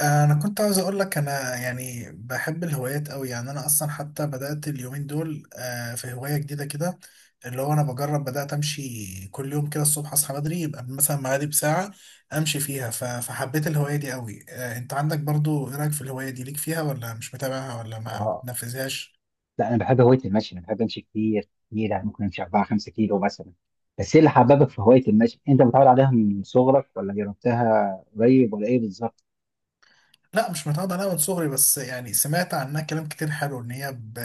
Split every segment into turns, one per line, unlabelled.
انا كنت عاوز اقول لك، انا يعني بحب الهوايات قوي. يعني انا اصلا حتى بدات اليومين دول في هوايه جديده كده، اللي هو انا بجرب بدات امشي كل يوم. كده الصبح اصحى بدري يبقى مثلا معادي بساعه امشي فيها. فحبيت الهوايه دي قوي. انت عندك برضو، ايه رايك في الهوايه دي؟ ليك فيها ولا مش متابعها ولا ما
اه،
بتنفذهاش؟
لا انا بحب هوايه المشي. انا بحب امشي كتير كتير، يعني ممكن امشي 4 5 كيلو مثلا. بس ايه اللي حببك في هوايه المشي؟ انت متعود عليها من صغرك ولا جربتها قريب ولا ايه بالظبط؟
لا، مش متعود عليها من صغري، بس يعني سمعت عنها كلام كتير حلو. ان هي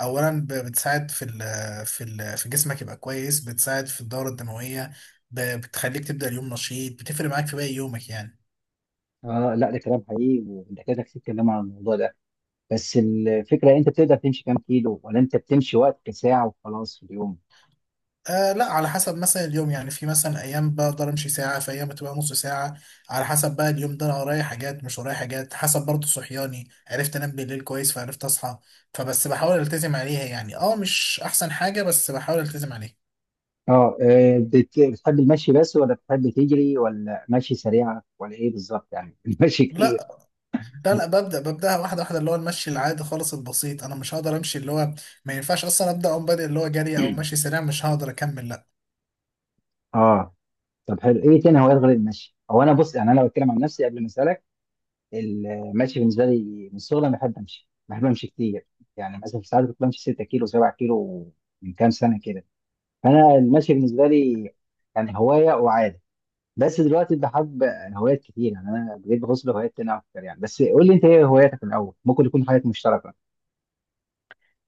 اولا بتساعد في في جسمك يبقى كويس، بتساعد في الدورة الدموية. بتخليك تبدأ اليوم نشيط، بتفرق معاك في باقي يومك يعني.
اه، لا ده كلام حقيقي والدكاتره كتير اتكلموا عن الموضوع ده. بس الفكره، انت بتقدر تمشي كام كيلو ولا انت بتمشي وقت ساعه وخلاص في اليوم؟
آه لا، على حسب. مثلا اليوم يعني، في مثلا ايام بقدر امشي ساعة، في ايام بتبقى نص ساعة. على حسب بقى اليوم ده، انا ورايا حاجات مش ورايا حاجات، حسب برضه صحياني، عرفت انام بالليل كويس فعرفت اصحى. فبس بحاول التزم عليها يعني. اه مش احسن حاجة، بس بحاول التزم عليها.
اه، بتحب المشي بس ولا بتحب تجري ولا مشي سريعه ولا ايه بالظبط يعني المشي كتير.
لا. لا لا، ببدأها واحدة واحدة، اللي هو المشي العادي خالص البسيط. أنا مش هقدر أمشي اللي هو، ما ينفعش أصلا أبدأ أقوم بادئ اللي هو جري أو مشي سريع، مش هقدر أكمل. لا.
اه، طب حلو. ايه تاني هوايات غير المشي؟ هو انا بص، يعني انا بتكلم عن نفسي قبل ما اسالك. المشي بالنسبه لي من الصغر، انا بحب امشي، بحب امشي كتير. يعني مثلا في ساعات كنت بمشي 6 كيلو 7 كيلو من كام سنه كده. فانا المشي بالنسبه لي يعني هوايه وعاده. بس دلوقتي بحب هوايات كتير، يعني انا بقيت بغوص بهوايات تانية اكتر يعني. بس قول لي انت ايه هواياتك الاول، ممكن يكون حاجات مشتركه.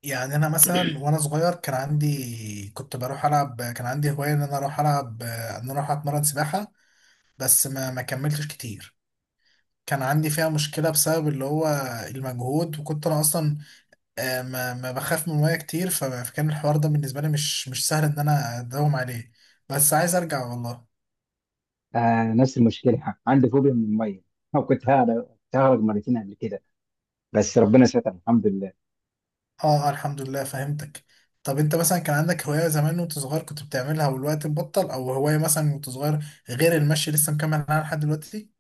يعني أنا مثلا وأنا صغير كان عندي، كنت بروح ألعب، كان عندي هواية إن أنا أروح ألعب، إن أنا أروح أتمرن سباحة، بس ما كملتش كتير. كان عندي فيها مشكلة بسبب اللي هو المجهود، وكنت أنا أصلا ما بخاف من المية كتير، فكان الحوار ده بالنسبة لي مش سهل إن أنا أداوم عليه. بس عايز أرجع والله.
آه، نفس المشكله، عندي فوبيا من الميه. كنت هغرق، كنت هغرق مرتين قبل كده، بس ربنا ستر الحمد لله.
اه. الحمد لله فهمتك. طب انت مثلا كان عندك هواية زمان وانت صغير كنت بتعملها والوقت بطل، او هواية مثلا وانت صغير غير المشي لسه مكمل معاها لحد دلوقتي؟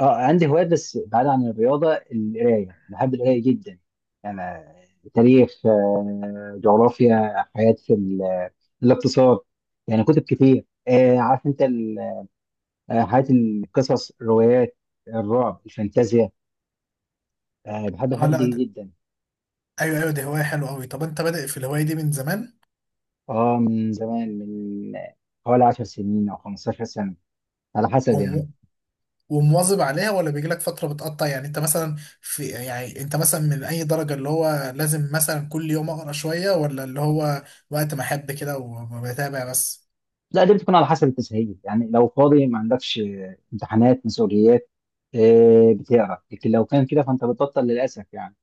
اه، عندي هوايات بس بعيد عن الرياضة. القراية، بحب القراية جدا. أنا تاريخ، جغرافيا، حياة في الاقتصاد. يعني كتب كتير، عارف أنت حياة، القصص، الروايات، الرعب، الفانتازيا، بحب
اه
الحاجات
لا
دي
ده.
جدا.
ايوه ايوه، دي هواية حلوة قوي. طب انت بادئ في الهواية دي من زمان
اه، من زمان، من حوالي 10 سنين أو 15 سنة، على حسب يعني.
وم- ومواظب عليها، ولا بيجيلك فترة بتقطع يعني؟ انت مثلا في، يعني انت مثلا من اي درجة؟ اللي هو لازم مثلا كل يوم اقرا شوية، ولا اللي هو وقت ما احب كده وبتابع بس؟
لا، دي بتكون على حسب التسهيل. يعني لو فاضي ما عندكش امتحانات، مسؤوليات، بتقرا. لكن لو كان كده فانت بتبطل للاسف يعني.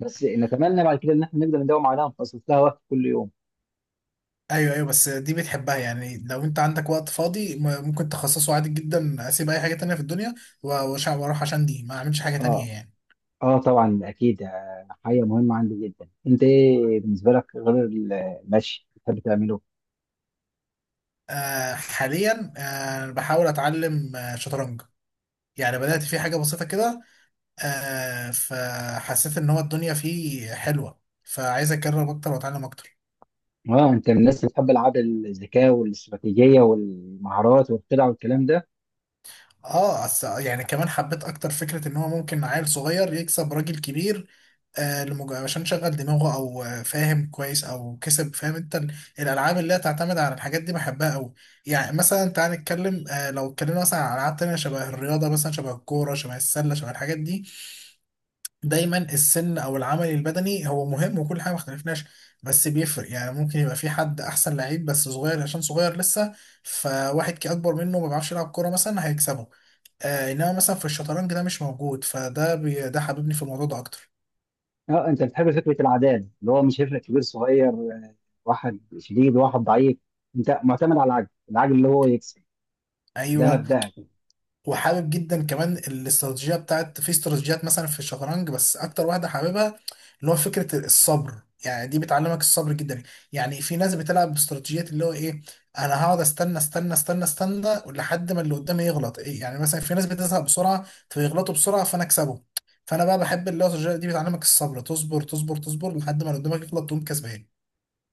بس نتمنى بعد كده ان احنا نقدر نداوم عليها ونخصص لها وقت كل يوم.
ايوه ايوه. بس دي بتحبها يعني، لو انت عندك وقت فاضي ممكن تخصصه عادي جدا، اسيب اي حاجه تانية في الدنيا واروح، عشان دي ما اعملش حاجه
اه.
تانية يعني.
اه، طبعا اكيد، حاجه مهمه عندي جدا. انت ايه بالنسبه لك غير المشي بتحب تعمله؟
حاليا بحاول اتعلم شطرنج. يعني بدات في حاجه بسيطه كده. فحسيت ان هو الدنيا فيه حلوه، فعايز اجرب اكتر واتعلم اكتر.
اه، انت من الناس اللي بتحب العاب الذكاء والاستراتيجيه والمهارات والخدع والكلام ده؟
اه. يعني كمان حبيت اكتر فكره ان هو ممكن عيل صغير يكسب راجل كبير، عشان شغل دماغه، او فاهم كويس، او كسب. فاهم انت الالعاب اللي هي تعتمد على الحاجات دي بحبها قوي. يعني مثلا تعال نتكلم، لو اتكلمنا مثلا عن العاب تانية شبه الرياضه، مثلا شبه الكوره شبه السله شبه الحاجات دي، دايما السن او العمل البدني هو مهم وكل حاجه، ما اختلفناش. بس بيفرق يعني، ممكن يبقى في حد احسن لعيب بس صغير، عشان صغير لسه، فواحد كي اكبر منه ما بيعرفش يلعب كوره مثلا هيكسبه. انما مثلا في الشطرنج ده مش موجود، ده حببني في الموضوع ده اكتر.
اه، انت بتحب فكره العداد اللي هو مش هيفرق كبير صغير، واحد شديد واحد ضعيف. انت معتمد على العجل، العجل اللي هو يكسب. ده
ايوه.
مبدأك.
وحابب جدا كمان الاستراتيجيه بتاعت، في استراتيجيات مثلا في الشطرنج، بس اكتر واحده حاببها اللي هو فكره الصبر. يعني دي بتعلمك الصبر جدا. يعني في ناس بتلعب باستراتيجيات اللي هو ايه؟ انا هقعد استنى استنى استنى استنى لحد ما اللي قدامي يغلط. إيه يعني؟ مثلا في ناس بتزهق بسرعه فيغلطوا بسرعه، فانا اكسبه. فانا بقى بحب اللي هو الاستراتيجيه دي، بتعلمك الصبر، تصبر تصبر تصبر لحد ما اللي قدامك يغلط، تقوم كسبان.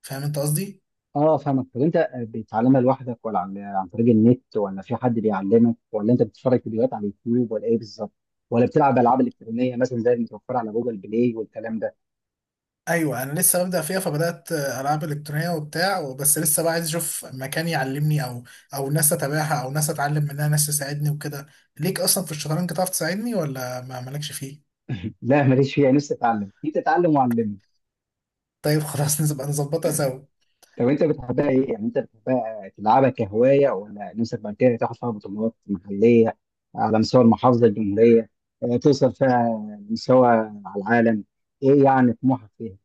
فاهم انت قصدي؟
اه، فاهمك. طب انت بتتعلمها لوحدك ولا عن طريق النت ولا في حد بيعلمك ولا انت بتتفرج فيديوهات على اليوتيوب ولا ايه بالظبط؟ ولا بتلعب العاب الكترونيه مثلا زي المتوفره على جوجل بلاي والكلام ده؟
ايوه، انا لسه ببدا فيها. فبدات العاب الكترونيه وبتاع، بس لسه بقى عايز اشوف مكان يعلمني، او او ناس اتابعها، او ناس اتعلم منها، ناس تساعدني وكده. ليك اصلا في الشطرنج، تعرف تساعدني، ولا ما مالكش فيه؟
لا ماليش فيها، نفسي اتعلم. انت اتعلم وعلمني.
طيب خلاص، نبقى نظبطها سوا.
طب انت بتحبها ايه؟ يعني انت بتحبها تلعبها كهوايه ولا نفسك بعد كده تاخد فيها بطولات محليه على مستوى المحافظه، الجمهوريه، توصل فيها لمستوى على العالم؟ ايه يعني طموحك فيها؟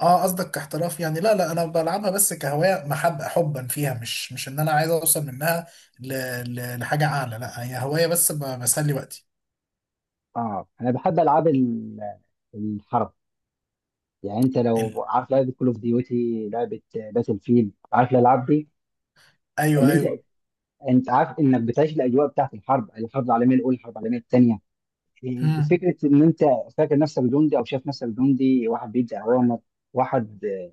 اه، قصدك كاحتراف يعني؟ لا لا، انا بلعبها بس كهوايه، محب حبا فيها، مش ان انا عايز اوصل منها ل... لحاجه اعلى. لا، هي هوايه بس بسلي وقتي.
اه، انا بحب العاب الحرب. يعني انت
ال...
لو عارف لعبه كول اوف ديوتي، لعبه باتل فيلد، عارف الالعاب دي
ايوه
اللي
ايوه.
انت، انت عارف انك بتعيش الاجواء بتاعت الحرب، الحرب العالميه الاولى، الحرب العالميه الثانيه. إيه،
مم.
فكره ان انت فاكر نفسك جندي، او شايف نفسك جندي، واحد بيدي اوامر، واحد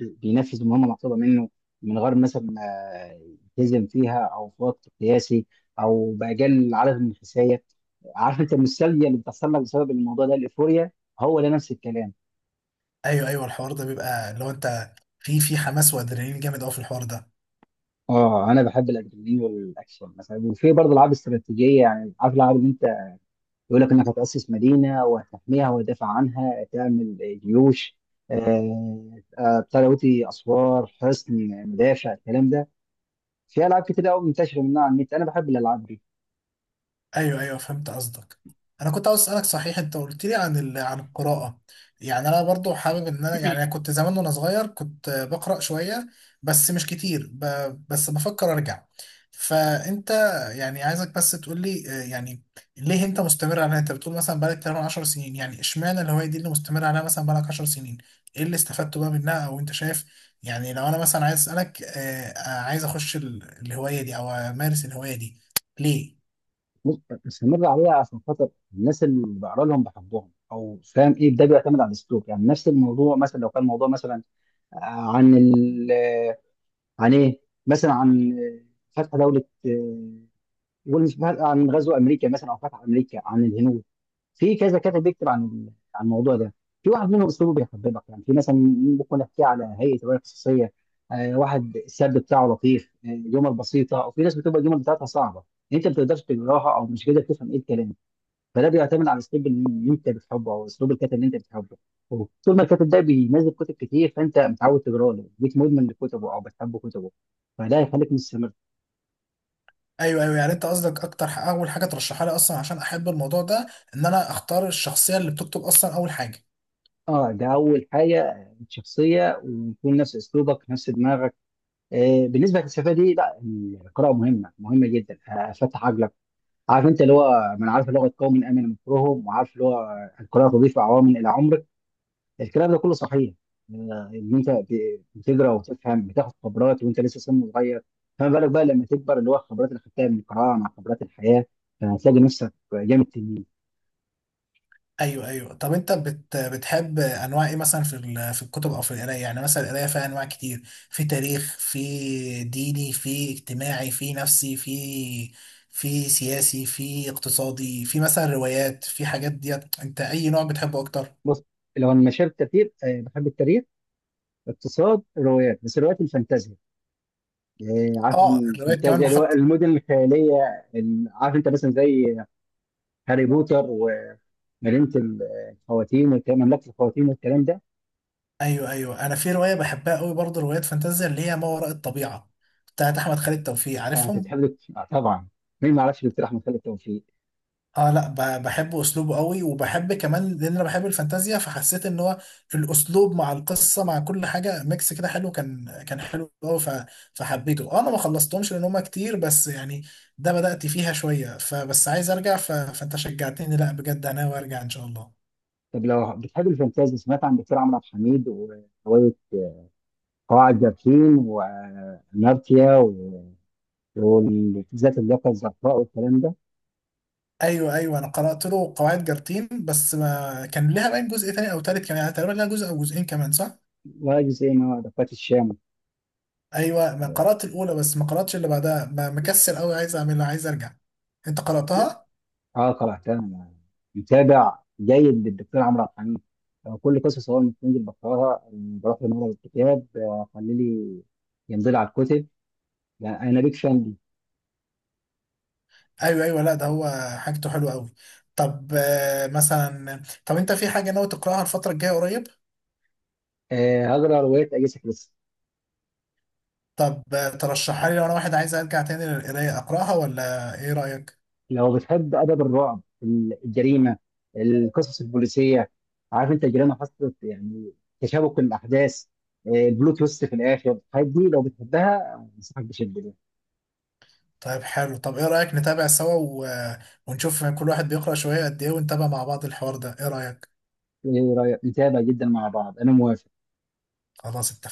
بينفذ مهمه مطلوبه منه من غير مثلا ما يلتزم فيها، او في وقت قياسي، او باجل عدد من الحسايه. عارف انت المثاليه اللي بتحصل لك بسبب الموضوع ده، الايفوريا، هو ده نفس الكلام.
ايوه ايوه، الحوار ده بيبقى اللي هو انت في حماس وادرينالين جامد قوي في الحوار ده.
اه، انا بحب الادرينالين والاكشن مثلا، وفي برضه العاب استراتيجيه. يعني عارف الالعاب اللي انت يقول لك انك هتأسس مدينة وهتحميها وتدافع عنها، تعمل جيوش، بتاع دوتي، اسوار، حصن، مدافع، الكلام ده. في العاب كتير قوي منتشره منها على النت، انا بحب الالعاب دي.
ايوه ايوه، فهمت قصدك. انا كنت عاوز اسالك صحيح، انت قلت لي عن القراءه. يعني انا برضو حابب ان انا، يعني أنا كنت زمان وانا صغير كنت بقرا شويه بس مش كتير، بس بفكر ارجع. فانت، يعني عايزك بس تقول لي، يعني ليه انت مستمر عليها؟ انت بتقول مثلا بقالك تقريبا 10 سنين، يعني اشمعنى الهوايه دي اللي مستمر عليها مثلا بقالك 10 سنين؟ ايه اللي استفدته بقى منها؟ او انت شايف يعني، لو انا مثلا عايز اسالك، عايز اخش الهوايه دي او امارس الهوايه دي، ليه؟
بص، مستمر عليها عشان خاطر الناس اللي بقرا لهم بحبهم، او فاهم ايه. ده بيعتمد على الاسلوب. يعني نفس الموضوع مثلا، لو كان موضوع مثلا عن ال عن ايه، مثلا عن فتح دولة، قول، مش عن غزو امريكا مثلا، او فتح امريكا عن الهنود. في كذا كاتب بيكتب عن عن الموضوع ده، في واحد منهم اسلوبه بيحببك. يعني في مثلا ممكن احكي على هيئه روايه قصصيه، واحد السرد بتاعه لطيف، جمل بسيطه، وفي ناس بتبقى الجمل بتاعتها صعبه، انت ما بتقدرش تقراها او مش قادر تفهم ايه الكلام. فده بيعتمد على الاسلوب اللي انت بتحبه، او اسلوب الكاتب اللي انت بتحبه. طول ما الكاتب ده بينزل كتب كتير فانت متعود تقرا له، بقيت مدمن لكتبه او بتحب كتبه، فده هيخليك مستمر.
ايوه ايوه، يعني انت قصدك اكتر، اول حاجه ترشحها لي اصلا عشان احب الموضوع ده، ان انا اختار الشخصيه اللي بتكتب، اصلا اول حاجه.
اه، ده اول حاجه، الشخصيه، ويكون نفس اسلوبك نفس دماغك. بالنسبه للفلسفه دي، لا، القراءه مهمه، مهمه جدا، فتح عقلك. عارف انت اللي هو من عارف لغه قوم امن مكرهم، وعارف اللي هو القراءه تضيف عوامل الى عمرك، الكلام ده كله صحيح. ان انت بتقرا وتفهم، بتاخد خبرات وانت لسه سن صغير. فما بالك بقى لما تكبر، اللي هو الخبرات اللي خدتها من القراءه مع خبرات الحياه، فهتلاقي نفسك جامد تنين.
ايوه ايوه. طب انت بتحب انواع ايه مثلا في الكتب او في القرايه؟ يعني مثلا القرايه فيها انواع كتير، في تاريخ، في ديني، في اجتماعي، في نفسي، في سياسي، في اقتصادي، في مثلا روايات، في حاجات ديت. انت اي نوع بتحبه اكتر؟
بص، لو انا مشاهد كتير، بحب التاريخ، اقتصاد، روايات، بس روايات الفانتازيا. إيه، عارف
اه، الروايات
الفانتازيا،
كمان.
اللي هو المدن الخياليه، عارف انت مثلا زي هاري بوتر، ومدينه ال- الخواتيم والكلام، مملكه الخواتيم والكلام ده.
ايوه ايوه، انا في روايه بحبها قوي برضه، روايات فانتازيا اللي هي ما وراء الطبيعه بتاعت احمد خالد توفيق،
اه، انت
عارفهم؟
بتحب طبعا، مين ما يعرفش الاقتراح من خالد توفيق.
اه لا، بحب اسلوبه قوي، وبحب كمان لان انا بحب الفانتازيا، فحسيت ان هو الاسلوب مع القصه مع كل حاجه ميكس كده حلو، كان حلو قوي فحبيته. انا ما خلصتهمش لان هما كتير بس يعني، ده بدأت فيها شويه، فبس عايز ارجع فانت شجعتني. لا بجد انا وارجع ان شاء الله.
طب لو بتحب الفانتازيا، سمعت عن دكتور عمرو عبد الحميد وروايه قواعد جارحين، واناركيا، والذات، اللياقه الزرقاء، والكلام ده،
ايوه ايوه، انا قرات له قواعد جارتين، بس ما كان لها باين جزء تاني او تالت كمان، يعني تقريبا لها جزء او جزئين كمان صح؟
وجزء ما دقات الشام؟
ايوه، ما قرات الاولى بس ما قراتش اللي بعدها، ما مكسل قوي، عايز اعملها عايز ارجع. انت قراتها؟
اه، قراتها. متابع جيد للدكتور عمرو عبد الحميد. كل قصص هو بتنزل بقراها، بروح لمعرض الكتاب، خلي لي ينزل على الكتب. يعني انا بيك فان دي.
ايوه ايوه. لا ده هو حاجته حلوه قوي. طب مثلا، طب انت في حاجه ناوي تقراها الفتره الجايه قريب؟
هقرا روايات اجاثا كريستي.
طب ترشحها لي؟ لو انا واحد عايز ارجع تاني للقرايه اقراها، ولا ايه رايك؟
لو بتحب ادب الرعب، الجريمه، القصص البوليسيه، عارف انت الجريمه حصلت يعني، تشابك الاحداث، بلوت تويست في الاخر، الحاجات دي لو بتحبها انصحك بشده بيها.
طيب حلو. طب ايه رايك نتابع سوا و... آه، ونشوف كل واحد بيقرا شويه قد ايه، ونتابع مع بعض الحوار ده، ايه رايك؟
ايه رايك؟ نتابع جدا مع بعض، انا موافق.
خلاص، اتفقنا.